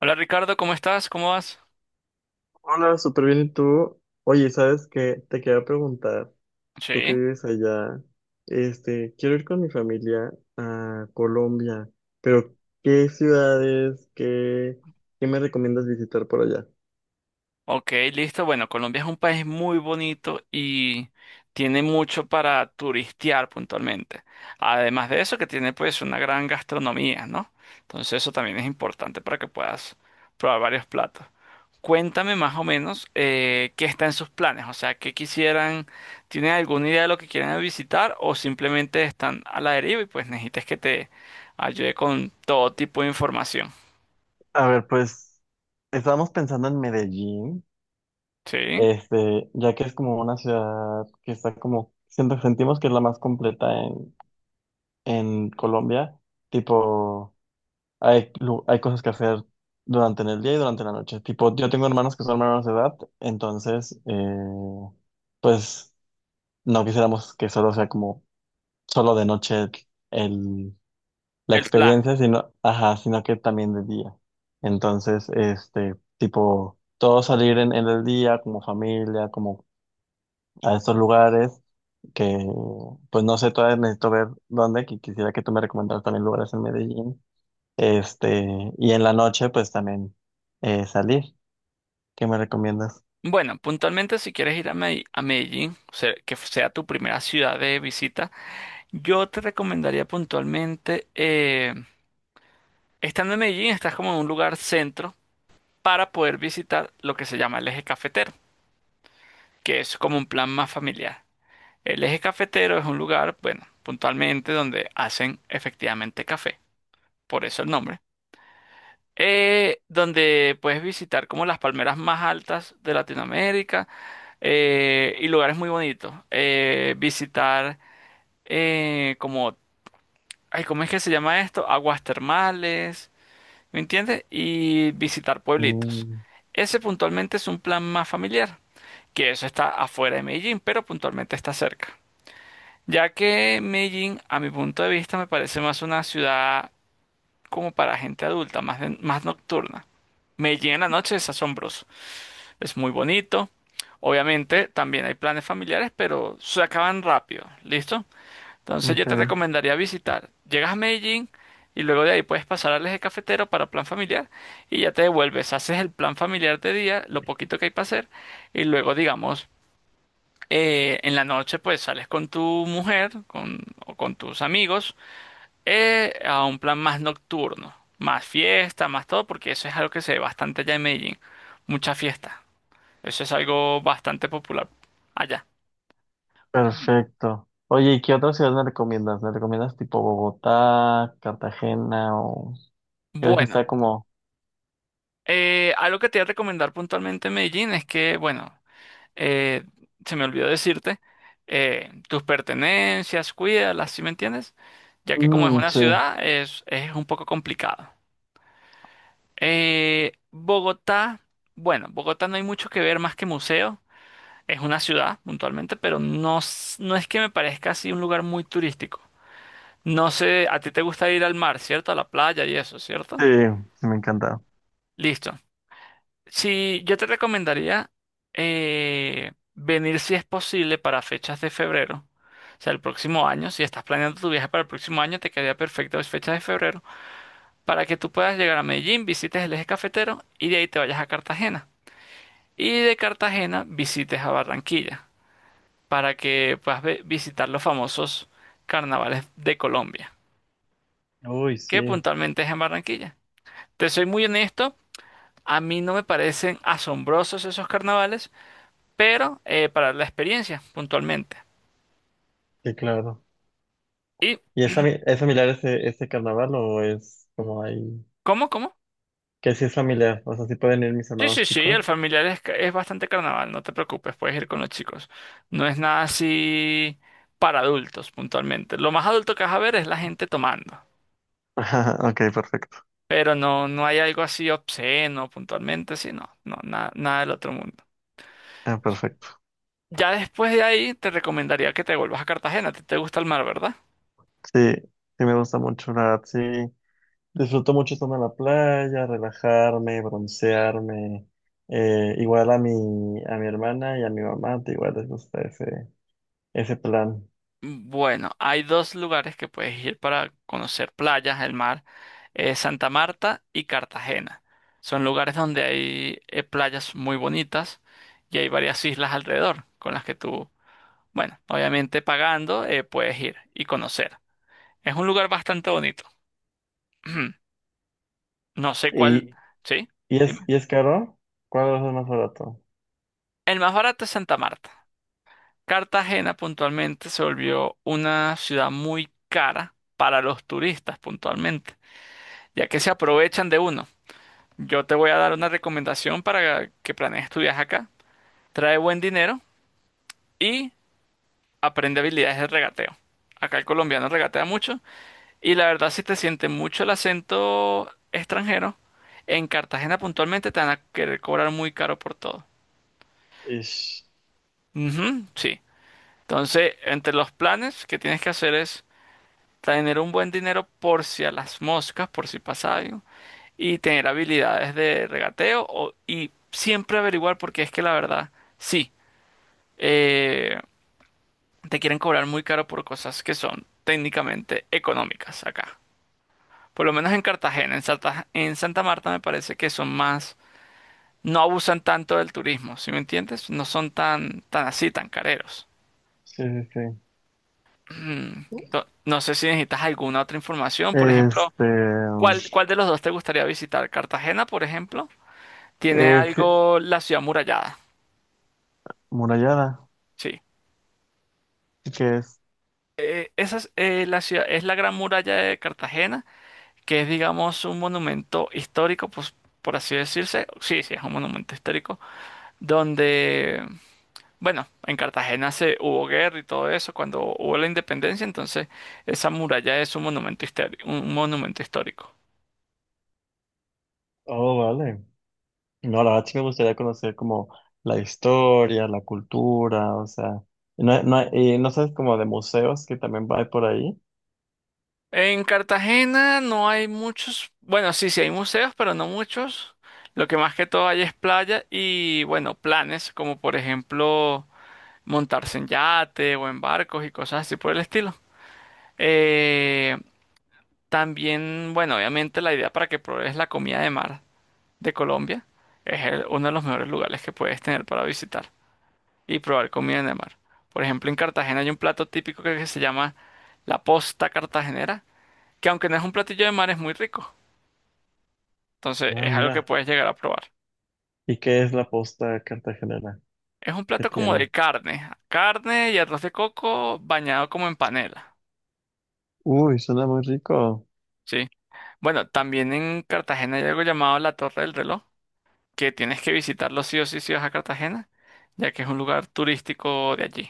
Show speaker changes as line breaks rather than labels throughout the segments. Hola Ricardo, ¿cómo estás? ¿Cómo vas?
Hola, súper bien. ¿Y tú? Oye, ¿sabes qué? Te quería preguntar, tú que
Sí.
vives allá, quiero ir con mi familia a Colombia, pero ¿qué ciudades, qué me recomiendas visitar por allá?
Ok, listo. Bueno, Colombia es un país muy bonito y tiene mucho para turistear puntualmente. Además de eso, que tiene pues una gran gastronomía, ¿no? Entonces eso también es importante para que puedas probar varios platos. Cuéntame más o menos qué está en sus planes, o sea, qué quisieran, ¿tienen alguna idea de lo que quieran visitar o simplemente están a la deriva y pues necesitas que te ayude con todo tipo de información?
A ver, pues estábamos pensando en Medellín,
Sí.
ya que es como una ciudad que está como, sentimos que es la más completa en Colombia, tipo, hay cosas que hacer durante el día y durante la noche. Tipo, yo tengo hermanos que son menores de edad, entonces, pues no quisiéramos que solo sea como solo de noche el, la
El plan.
experiencia, sino, ajá, sino que también de día. Entonces, tipo, todos salir en el día como familia, como a estos lugares que, pues no sé, todavía necesito ver dónde, que quisiera que tú me recomendaras también lugares en Medellín, este, y en la noche, pues también salir. ¿Qué me recomiendas?
Bueno, puntualmente si quieres ir a a Medellín, o sea, que sea tu primera ciudad de visita, yo te recomendaría puntualmente, estando en Medellín, estás como en un lugar centro para poder visitar lo que se llama el eje cafetero, que es como un plan más familiar. El eje cafetero es un lugar, bueno, puntualmente donde hacen efectivamente café, por eso el nombre, donde puedes visitar como las palmeras más altas de Latinoamérica y lugares muy bonitos. Visitar eh, como, ay, ¿cómo es que se llama esto? Aguas termales, ¿me entiendes? Y visitar pueblitos.
Mm,
Ese puntualmente es un plan más familiar, que eso está afuera de Medellín, pero puntualmente está cerca. Ya que Medellín, a mi punto de vista, me parece más una ciudad como para gente adulta, más, más nocturna. Medellín en la noche es asombroso. Es muy bonito. Obviamente también hay planes familiares, pero se acaban rápido. ¿Listo? Entonces yo te
ok,
recomendaría visitar. Llegas a Medellín y luego de ahí puedes pasar al eje cafetero para plan familiar y ya te devuelves. Haces el plan familiar de día, lo poquito que hay para hacer y luego digamos en la noche pues sales con tu mujer o con tus amigos a un plan más nocturno. Más fiesta, más todo, porque eso es algo que se ve bastante allá en Medellín. Mucha fiesta. Eso es algo bastante popular allá. Ujú.
perfecto. Oye, ¿y qué otra ciudad me recomiendas? ¿Me recomiendas tipo Bogotá, Cartagena o crees que
Bueno,
está como...
algo que te voy a recomendar puntualmente en Medellín es que, bueno, eh, se me olvidó decirte, tus pertenencias, cuídalas, ¿sí me entiendes? Ya que como es
Mm,
una
sí,
ciudad, es un poco complicado. Bogotá, bueno, Bogotá no hay mucho que ver más que museo. Es una ciudad, puntualmente, pero no, no es que me parezca así un lugar muy turístico. No sé, a ti te gusta ir al mar, ¿cierto? A la playa y eso, ¿cierto?
sí, sí, me encanta.
Listo. Sí, yo te recomendaría venir si es posible para fechas de febrero. O sea, el próximo año, si estás planeando tu viaje para el próximo año, te quedaría perfecto las fechas de febrero para que tú puedas llegar a Medellín, visites el eje cafetero y de ahí te vayas a Cartagena. Y de Cartagena visites a Barranquilla para que puedas visitar los famosos carnavales de Colombia,
Uy,
que
sí,
puntualmente es en Barranquilla. Te soy muy honesto, a mí no me parecen asombrosos esos carnavales pero para la experiencia, puntualmente.
sí, claro.
¿Y
¿Y es, es familiar ese carnaval o es como ahí?
cómo, cómo?
Que sí es familiar, o sea, sí pueden ir mis
Sí,
hermanos
sí, sí,
chicos.
el familiar es bastante carnaval, no te preocupes, puedes ir con los chicos. No es nada así para adultos, puntualmente. Lo más adulto que vas a ver es la gente tomando,
Ajá, ok, perfecto.
pero no, no hay algo así obsceno, puntualmente, sí, no, no, nada, nada del otro mundo.
Ah, perfecto.
Ya después de ahí te recomendaría que te vuelvas a Cartagena, a ti te gusta el mar, ¿verdad?
Sí, sí me gusta mucho, la verdad, sí. Disfruto mucho estar en la playa, relajarme, broncearme. Igual a mi hermana y a mi mamá, te igual les gusta ese plan.
Bueno, hay dos lugares que puedes ir para conocer playas, el mar. Santa Marta y Cartagena. Son lugares donde hay playas muy bonitas y hay varias islas alrededor con las que tú, bueno, obviamente pagando, puedes ir y conocer. Es un lugar bastante bonito. No sé
¿Y,
cuál, ¿sí?
y es,
Dime.
¿y es caro? ¿Cuál es el más barato?
El más barato es Santa Marta. Cartagena puntualmente se volvió una ciudad muy cara para los turistas puntualmente, ya que se aprovechan de uno. Yo te voy a dar una recomendación para que planees tu viaje acá. Trae buen dinero y aprende habilidades de regateo. Acá el colombiano regatea mucho y la verdad si te siente mucho el acento extranjero, en Cartagena puntualmente te van a querer cobrar muy caro por todo.
Ish.
Ujú, sí. Entonces, entre los planes que tienes que hacer es tener un buen dinero por si a las moscas, por si pasa algo, y tener habilidades de regateo y siempre averiguar porque es que la verdad, sí. eh, Te quieren cobrar muy caro por cosas que son técnicamente económicas acá. Por lo menos en Cartagena, en Santa Marta me parece que son más, no abusan tanto del turismo, ¿sí me entiendes? No son tan así, tan careros.
Sí, sí, sí.
Mm, no sé si necesitas alguna otra información, por ejemplo,
Este,
¿cuál de los dos te gustaría visitar? Cartagena, por ejemplo, tiene
es
algo la ciudad murallada,
murallada,
sí.
que es...
Esa es, la ciudad, es la Gran Muralla de Cartagena, que es, digamos, un monumento histórico, pues, por así decirse. Sí, sí, es un monumento histórico, donde, bueno, en Cartagena se hubo guerra y todo eso cuando hubo la independencia, entonces esa muralla es un monumento histórico, un monumento histórico.
Oh, vale. No, la verdad sí me gustaría conocer como la historia, la cultura, o sea, no, hay- no, hay- y no sabes como de museos que también va por ahí.
En Cartagena no hay muchos, bueno, sí, sí hay museos, pero no muchos. Lo que más que todo hay es playa y, bueno, planes, como por ejemplo montarse en yate o en barcos y cosas así por el estilo. Eh, También, bueno, obviamente la idea para que pruebes la comida de mar de Colombia es uno de los mejores lugares que puedes tener para visitar y probar comida de mar. Por ejemplo, en Cartagena hay un plato típico que se llama la posta cartagenera, que aunque no es un platillo de mar es muy rico. Entonces
Ah,
es algo que
mira.
puedes llegar a probar.
¿Y qué es la posta cartagenera?
Es un
¿Qué
plato como de
tiene?
carne, carne y arroz de coco bañado como en panela,
Uy, suena muy rico.
¿sí? Bueno, también en Cartagena hay algo llamado la Torre del Reloj que tienes que visitarlo sí o sí si vas a Cartagena, ya que es un lugar turístico de allí.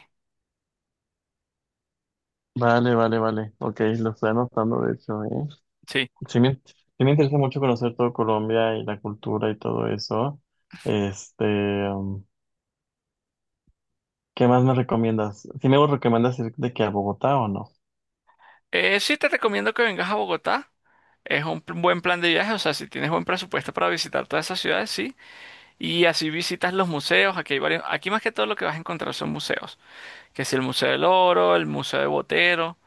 Vale, vale, vale. Ok, lo estoy anotando, de hecho, ¿eh?
Sí.
Sí me interesa mucho conocer todo Colombia y la cultura y todo eso. Este, um, ¿Qué más me recomiendas? ¿Sí me recomiendas ir de que a Bogotá o no?
Sí te recomiendo que vengas a Bogotá. Es un buen plan de viaje, o sea, si tienes buen presupuesto para visitar todas esas ciudades, sí. Y así visitas los museos, aquí hay varios, aquí más que todo lo que vas a encontrar son museos, que si el Museo del Oro, el Museo de Botero,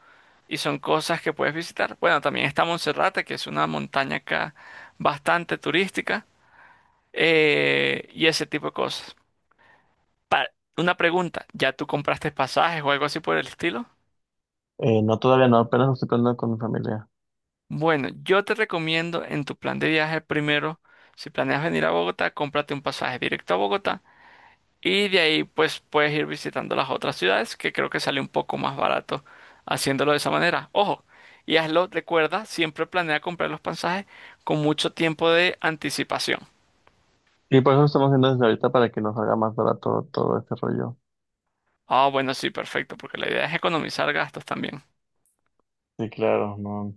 y son cosas que puedes visitar. Bueno, también está Monserrate, que es una montaña acá bastante turística, y ese tipo de cosas. Pa- una pregunta, ¿ya tú compraste pasajes o algo así por el estilo?
No, todavía no, apenas lo estoy planeando con mi familia.
Bueno, yo te recomiendo en tu plan de viaje primero, si planeas venir a Bogotá, cómprate un pasaje directo a Bogotá y de ahí pues puedes ir visitando las otras ciudades que creo que sale un poco más barato haciéndolo de esa manera. Ojo, y hazlo, recuerda, siempre planea comprar los pasajes con mucho tiempo de anticipación.
Y por eso estamos haciendo desde ahorita para que nos haga más barato todo este rollo.
Ah, bueno, sí, perfecto, porque la idea es economizar gastos también.
Sí, claro, no,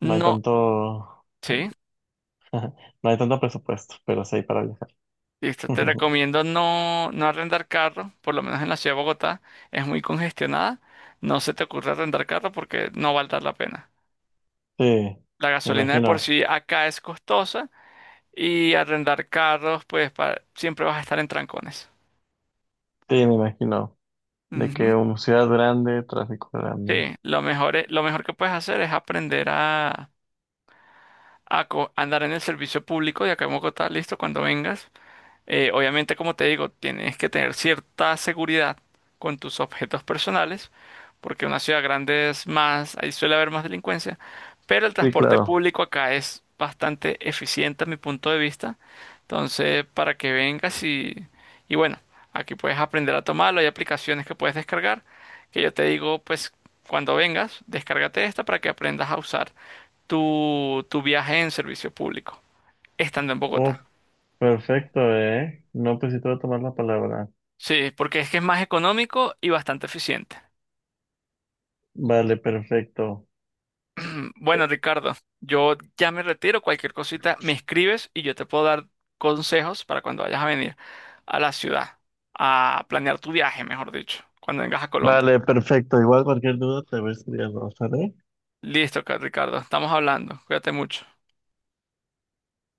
no hay
No,
tanto,
sí.
no hay tanto presupuesto, pero sí hay para viajar.
Listo, te recomiendo no arrendar carro, por lo menos en la ciudad de Bogotá, es muy congestionada. No se te ocurra arrendar carro porque no valdrá la pena.
Sí,
La
me
gasolina de por
imagino.
sí acá es costosa y arrendar carros, pues siempre vas a estar en trancones.
Sí, me imagino. De
Ujú.
que una ciudad grande, tráfico grande.
Sí, lo mejor que puedes hacer es aprender a, andar en el servicio público de acá en Bogotá, listo, cuando vengas. Obviamente, como te digo, tienes que tener cierta seguridad con tus objetos personales, porque en una ciudad grande es más, ahí suele haber más delincuencia, pero el
Sí,
transporte
claro.
público acá es bastante eficiente a mi punto de vista. Entonces, para que vengas y bueno, aquí puedes aprender a tomarlo, hay aplicaciones que puedes descargar, que yo te digo, pues cuando vengas, descárgate esta para que aprendas a usar tu viaje en servicio público, estando en Bogotá.
Oh, perfecto, ¿eh? No, pues sí te voy a tomar la palabra.
Sí, porque es que es más económico y bastante eficiente.
Vale, perfecto.
Bueno, Ricardo, yo ya me retiro. Cualquier cosita me escribes y yo te puedo dar consejos para cuando vayas a venir a la ciudad, a planear tu viaje, mejor dicho, cuando vengas a Colombia.
Vale, perfecto. Igual cualquier duda te voy a escribir, ¿sale?
Listo, Ricardo, estamos hablando. Cuídate mucho.